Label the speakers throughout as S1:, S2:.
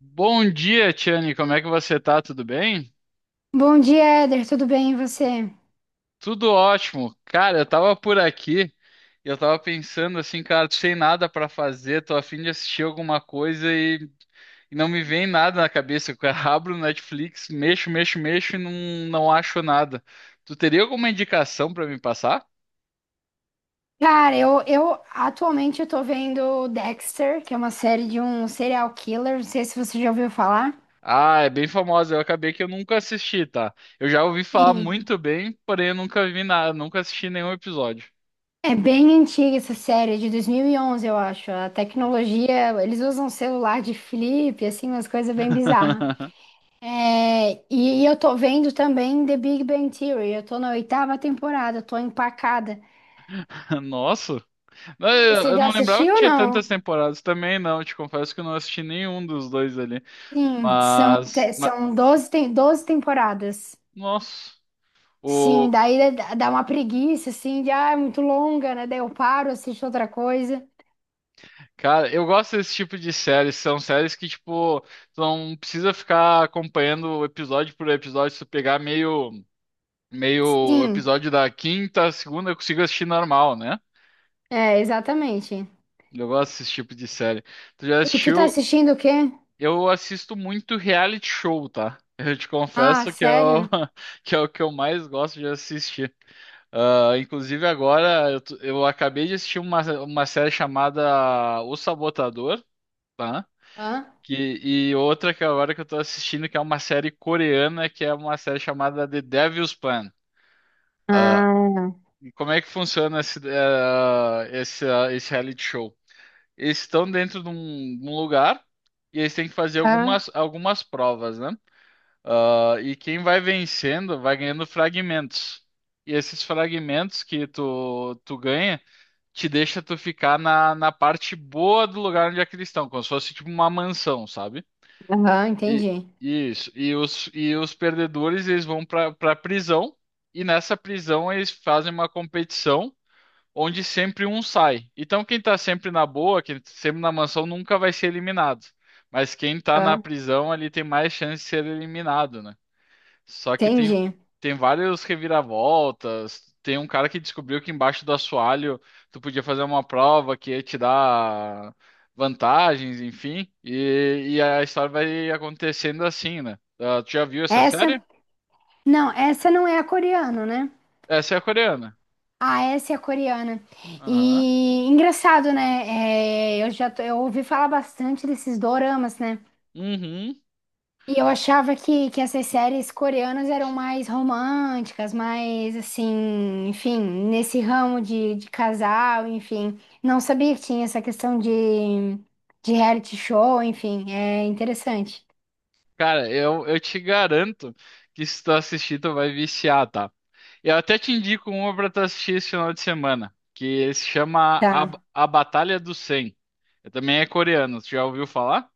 S1: Bom dia, Tiane. Como é que você tá? Tudo bem?
S2: Bom dia, Éder. Tudo bem e você?
S1: Tudo ótimo. Cara, eu tava por aqui e eu tava pensando assim, cara, sem nada pra fazer, tô a fim de assistir alguma coisa e não me vem nada na cabeça. Eu abro o Netflix, mexo, mexo, mexo e não acho nada. Tu teria alguma indicação pra me passar?
S2: Cara, eu atualmente eu tô vendo Dexter, que é uma série de um serial killer. Não sei se você já ouviu falar.
S1: Ah, é bem famosa. Eu acabei que eu nunca assisti, tá? Eu já ouvi falar
S2: Sim.
S1: muito bem, porém eu nunca vi nada, nunca assisti nenhum episódio.
S2: É bem antiga essa série, é de 2011 eu acho. A tecnologia, eles usam celular de flip, assim, umas coisas bem bizarras. É, e eu tô vendo também The Big Bang Theory. Eu tô na oitava temporada, tô empacada.
S1: Nossa. Não, Eu
S2: Você
S1: eu
S2: já
S1: não lembrava que
S2: assistiu ou
S1: tinha tantas
S2: não?
S1: temporadas também, não. Te confesso que eu não assisti nenhum dos dois ali.
S2: Sim, são,
S1: Mas,
S2: te-
S1: ma-
S2: são doze temporadas.
S1: nossa,
S2: Sim,
S1: o
S2: daí dá uma preguiça, assim, de, ah, é muito longa, né? Daí eu paro, assisto outra coisa.
S1: cara, eu gosto desse tipo de séries. São séries que tipo, tu não precisa ficar acompanhando episódio por episódio. Se tu pegar meio
S2: Sim,
S1: episódio da quinta, segunda, eu consigo assistir normal, né?
S2: é, exatamente.
S1: Eu gosto desse tipo de série. Tu já
S2: E tu tá
S1: assistiu?
S2: assistindo o quê?
S1: Eu assisto muito reality show, tá? Eu te
S2: Ah,
S1: confesso que é
S2: sério?
S1: que é o que eu mais gosto de assistir. Ah, inclusive agora eu acabei de assistir uma série chamada O Sabotador, tá?
S2: Hã?
S1: Que, e outra que agora que eu tô assistindo, que é uma série coreana, que é uma série chamada The Devil's Plan. Ah,
S2: Ah,
S1: e como é que funciona esse reality show? Eles estão dentro de um lugar e eles têm que fazer
S2: ah
S1: algumas provas, né? Ah, e quem vai vencendo vai ganhando fragmentos. E esses fragmentos que tu ganha te deixa tu ficar na parte boa do lugar onde é que eles estão, como se fosse tipo uma mansão, sabe?
S2: aham,
S1: E
S2: entendi.
S1: isso. E os perdedores eles vão para prisão e nessa prisão eles fazem uma competição onde sempre um sai. Então quem tá sempre na boa, quem tá sempre na mansão nunca vai ser eliminado. Mas quem tá
S2: ah
S1: na prisão ali tem mais chance de ser eliminado, né? Só que tem,
S2: Entendi.
S1: tem vários reviravoltas. Tem um cara que descobriu que embaixo do assoalho tu podia fazer uma prova que ia te dar vantagens, enfim. E a história vai acontecendo assim, né? Ah, tu já viu essa
S2: Essa,
S1: série?
S2: não, essa não é a coreana, né?
S1: Essa é a coreana.
S2: Ah, essa é a coreana.
S1: Aham.
S2: E engraçado, né? É, eu ouvi falar bastante desses doramas, né?
S1: Uhum.
S2: E eu achava que essas séries coreanas eram mais românticas, mais assim, enfim, nesse ramo de casal, enfim. Não sabia que tinha essa questão de reality show, enfim, é interessante.
S1: Cara, eu te garanto que se tu assistir, tu vai viciar, tá? Eu até te indico uma pra tu assistir esse final de semana, que se chama
S2: Tá.
S1: A Batalha do 100. Eu também é coreano, tu já ouviu falar?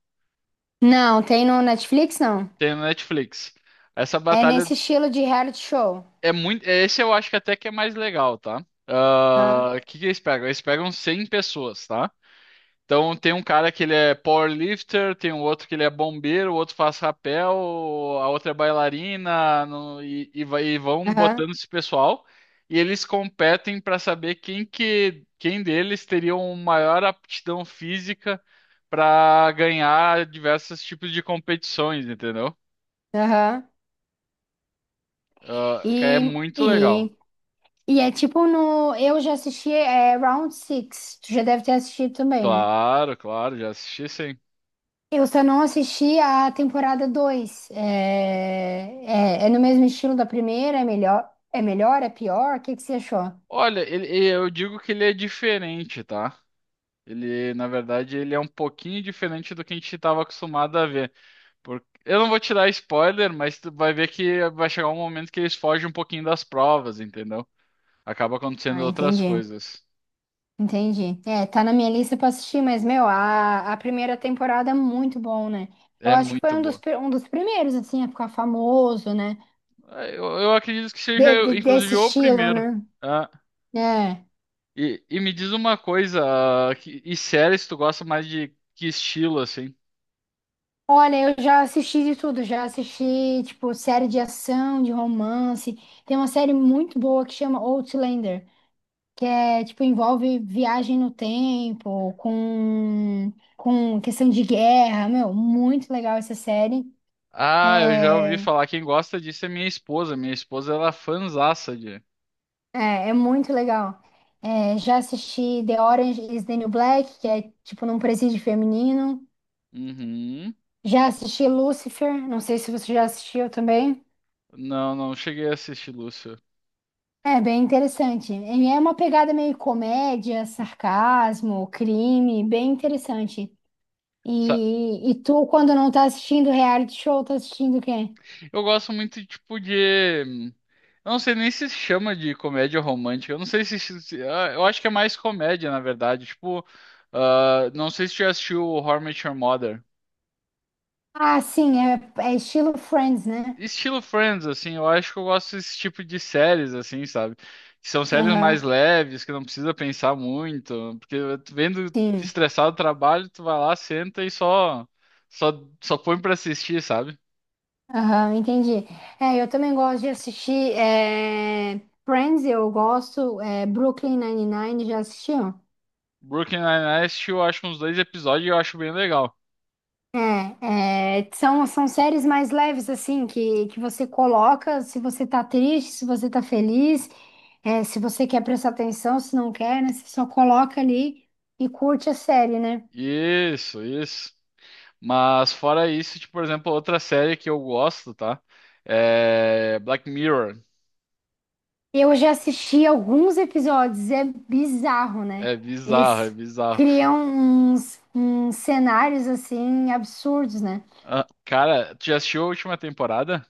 S2: Não, tem no Netflix, não.
S1: Tem no Netflix. Essa
S2: É
S1: batalha
S2: nesse estilo de reality show.
S1: é muito. Esse eu acho que até que é mais legal, tá?
S2: Aham,
S1: Ah, o que que eles pegam? Eles pegam 100 pessoas, tá? Então tem um cara que ele é powerlifter, tem um outro que ele é bombeiro, o outro faz rapel, a outra é bailarina, e vão
S2: aham,
S1: botando esse pessoal. E eles competem para saber quem quem deles teria uma maior aptidão física para ganhar diversos tipos de competições, entendeu?
S2: aham.
S1: Ah, que é
S2: E,
S1: muito legal.
S2: e, e é tipo no. Eu já assisti é, Round Six. Tu já deve ter assistido também, né?
S1: Claro, claro, já assisti sim.
S2: Eu só não assisti a temporada 2. É, é no mesmo estilo da primeira? É melhor? É melhor? É pior? O que que você achou?
S1: Olha, ele- eu digo que ele é diferente, tá? Ele é um pouquinho diferente do que a gente estava acostumado a ver. Eu não vou te dar spoiler, mas tu vai ver que vai chegar um momento que eles fogem um pouquinho das provas, entendeu? Acaba acontecendo
S2: Ah,
S1: outras
S2: entendi.
S1: coisas.
S2: Entendi. É, tá na minha lista pra assistir, mas, meu, a primeira temporada é muito bom, né? Eu
S1: É
S2: acho que foi
S1: muito
S2: um dos,
S1: boa.
S2: pri- um dos primeiros, assim, a ficar famoso, né?
S1: É, eu acredito que seja,
S2: De- de-
S1: inclusive,
S2: desse
S1: o
S2: estilo,
S1: primeiro.
S2: né?
S1: Ah,
S2: É.
S1: e me diz uma coisa, e séries tu gosta mais de que estilo, assim?
S2: Olha, eu já assisti de tudo. Já assisti, tipo, série de ação, de romance. Tem uma série muito boa que chama Outlander, que é, tipo, envolve viagem no tempo, com questão de guerra, meu, muito legal essa série.
S1: Ah, eu já ouvi
S2: É,
S1: falar, quem gosta disso é minha esposa. Minha esposa, ela é fãzaça de...
S2: é, é muito legal. É, já assisti The Orange is the New Black, que é, tipo, num presídio feminino.
S1: Uhum.
S2: Já assisti Lucifer, não sei se você já assistiu também.
S1: Não, não cheguei a assistir Lúcio.
S2: É bem interessante. E é uma pegada meio comédia, sarcasmo, crime, bem interessante.
S1: Sa-
S2: E tu, quando não tá assistindo reality show, tá assistindo o quê?
S1: Eu gosto muito, tipo, de. Eu não sei nem se chama de comédia romântica. Eu não sei se. Se- se- ah, Eu acho que é mais comédia, na verdade. Tipo, ah, não sei se tu já assistiu How I Met Your Mother.
S2: Ah, sim, é estilo Friends, né?
S1: Estilo Friends, assim, eu acho que eu gosto desse tipo de séries, assim, sabe? Que são séries
S2: Aham,
S1: mais leves, que não precisa pensar muito. Porque tu vendo
S2: sim.
S1: estressado o trabalho, tu vai lá, senta e só, só, só põe pra assistir, sabe?
S2: Aham, entendi. É, eu também gosto de assistir é, Friends, eu gosto, Brooklyn Nine-Nine, já assistiu?
S1: Brooklyn Nine-Nine eu acho uns dois episódios e eu acho bem legal.
S2: É, são séries mais leves, assim, que você coloca se você tá triste, se você tá feliz, se você quer prestar atenção, se não quer, né? Você só coloca ali e curte a série, né?
S1: Isso, isso. Mas fora isso, tipo, por exemplo, outra série que eu gosto, tá? É Black Mirror.
S2: Eu já assisti alguns episódios, é bizarro, né?
S1: É bizarro, é
S2: Eles
S1: bizarro.
S2: criam uns cenários assim absurdos, né?
S1: Ah, cara, tu já assistiu a última temporada?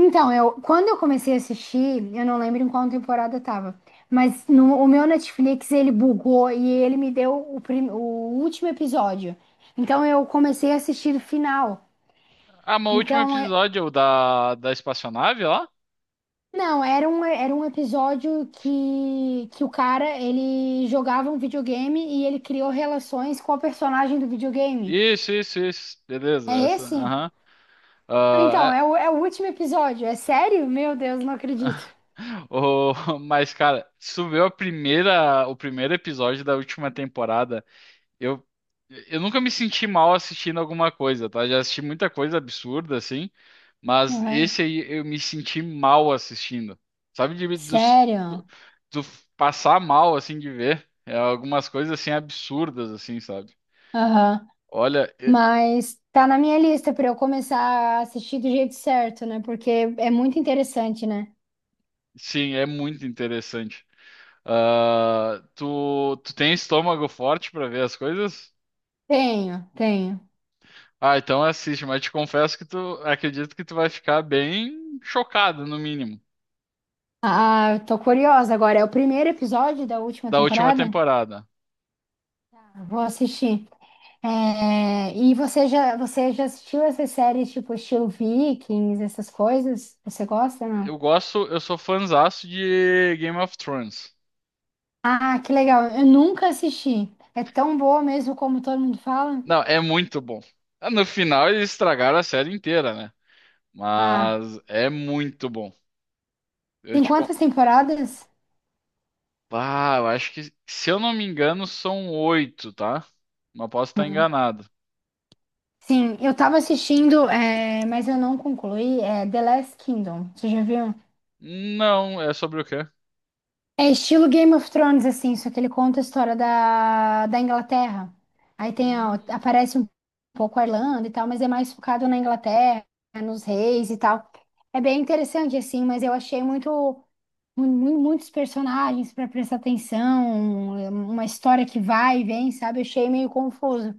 S2: Então, eu quando eu comecei a assistir, eu não lembro em qual temporada eu tava, mas no, o meu Netflix ele bugou e ele me deu o último episódio. Então eu comecei a assistir o final.
S1: Ah, mas o último
S2: Então,
S1: episódio é o da espaçonave lá?
S2: não, era um episódio que o cara, ele jogava um videogame e ele criou relações com a personagem do videogame.
S1: Isso, isso, isso.
S2: É
S1: Beleza, essa.
S2: esse?
S1: Aham.
S2: Ah, então,
S1: Ah, é-
S2: é o último episódio. É sério? Meu Deus, não acredito.
S1: O- mas, cara, se tu vê a primeira, o primeiro episódio da última temporada. Eu, eu nunca me senti mal assistindo alguma coisa, tá? Já assisti muita coisa absurda, assim, mas
S2: Aham.
S1: esse aí eu me senti mal assistindo. Sabe, de, do,
S2: Sério?
S1: do, do passar mal, assim, de ver. É algumas coisas, assim, absurdas, assim, sabe?
S2: Aham.
S1: Olha, é-
S2: Mas tá na minha lista pra eu começar a assistir do jeito certo, né? Porque é muito interessante, né?
S1: sim, é muito interessante. Ah, tu tem estômago forte pra ver as coisas?
S2: Tenho, tenho.
S1: Ah, então assiste, mas te confesso que tu acredito que tu vai ficar bem chocado, no mínimo,
S2: Ah, eu tô curiosa agora. É o primeiro episódio da última
S1: da última
S2: temporada?
S1: temporada.
S2: Tá. Vou assistir. É, e você já assistiu essas séries tipo estilo Vikings, essas coisas? Você gosta, não?
S1: Eu gosto, eu sou fãzaço de Game of Thrones.
S2: Ah, que legal. Eu nunca assisti. É tão boa mesmo como todo mundo fala?
S1: Não, é muito bom. Ah, no final eles estragaram a série inteira, né?
S2: Ah,
S1: Mas é muito bom. Eu
S2: tem
S1: te con...
S2: quantas temporadas?
S1: Ah, eu acho que, se eu não me engano, são oito, tá? Mas posso estar
S2: Hum.
S1: enganado.
S2: Sim, eu tava assistindo, mas eu não concluí. É The Last Kingdom. Você já viu?
S1: Não, é sobre o quê?
S2: É estilo Game of Thrones, assim, só que ele conta a história da Inglaterra. Aí tem, ó,
S1: Hum,
S2: aparece um pouco a Irlanda e tal, mas é mais focado na Inglaterra, nos reis e tal. É bem interessante, assim, mas eu achei muitos personagens para prestar atenção, uma história que vai e vem, sabe? Eu achei meio confuso.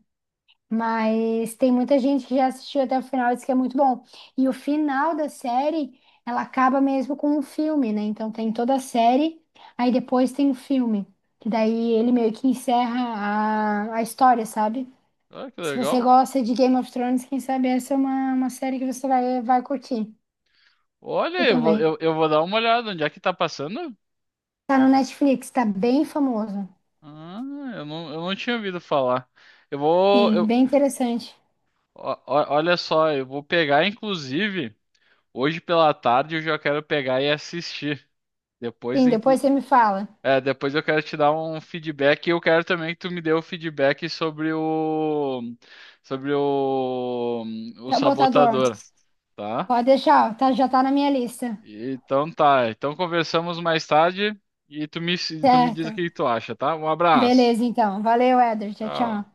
S2: Mas tem muita gente que já assistiu até o final e diz que é muito bom. E o final da série, ela acaba mesmo com um filme, né? Então tem toda a série, aí depois tem o filme. Que daí ele meio que encerra a história, sabe?
S1: ah, que
S2: Se você
S1: legal.
S2: gosta de Game of Thrones, quem sabe essa é uma série que você vai curtir. Eu também.
S1: Eu vou dar uma olhada. Onde é que tá passando?
S2: Tá no Netflix, tá bem famoso.
S1: Ah, eu não tinha ouvido falar. Eu vou.
S2: Sim,
S1: Eu-
S2: bem interessante.
S1: ó- ó- olha só, eu vou pegar, inclusive. Hoje pela tarde eu já quero pegar e assistir. Depois,
S2: Sim,
S1: inclu-
S2: depois você me fala.
S1: depois eu quero te dar um feedback e eu quero também que tu me dê o feedback sobre o
S2: Sabotador.
S1: sabotador, tá?
S2: Pode deixar, ó, tá, já tá na minha lista.
S1: Então tá. Então conversamos mais tarde e tu me diz o
S2: Certo.
S1: que tu acha, tá? Um abraço.
S2: Beleza, então. Valeu, Éder. Tchau,
S1: Tchau.
S2: tchau.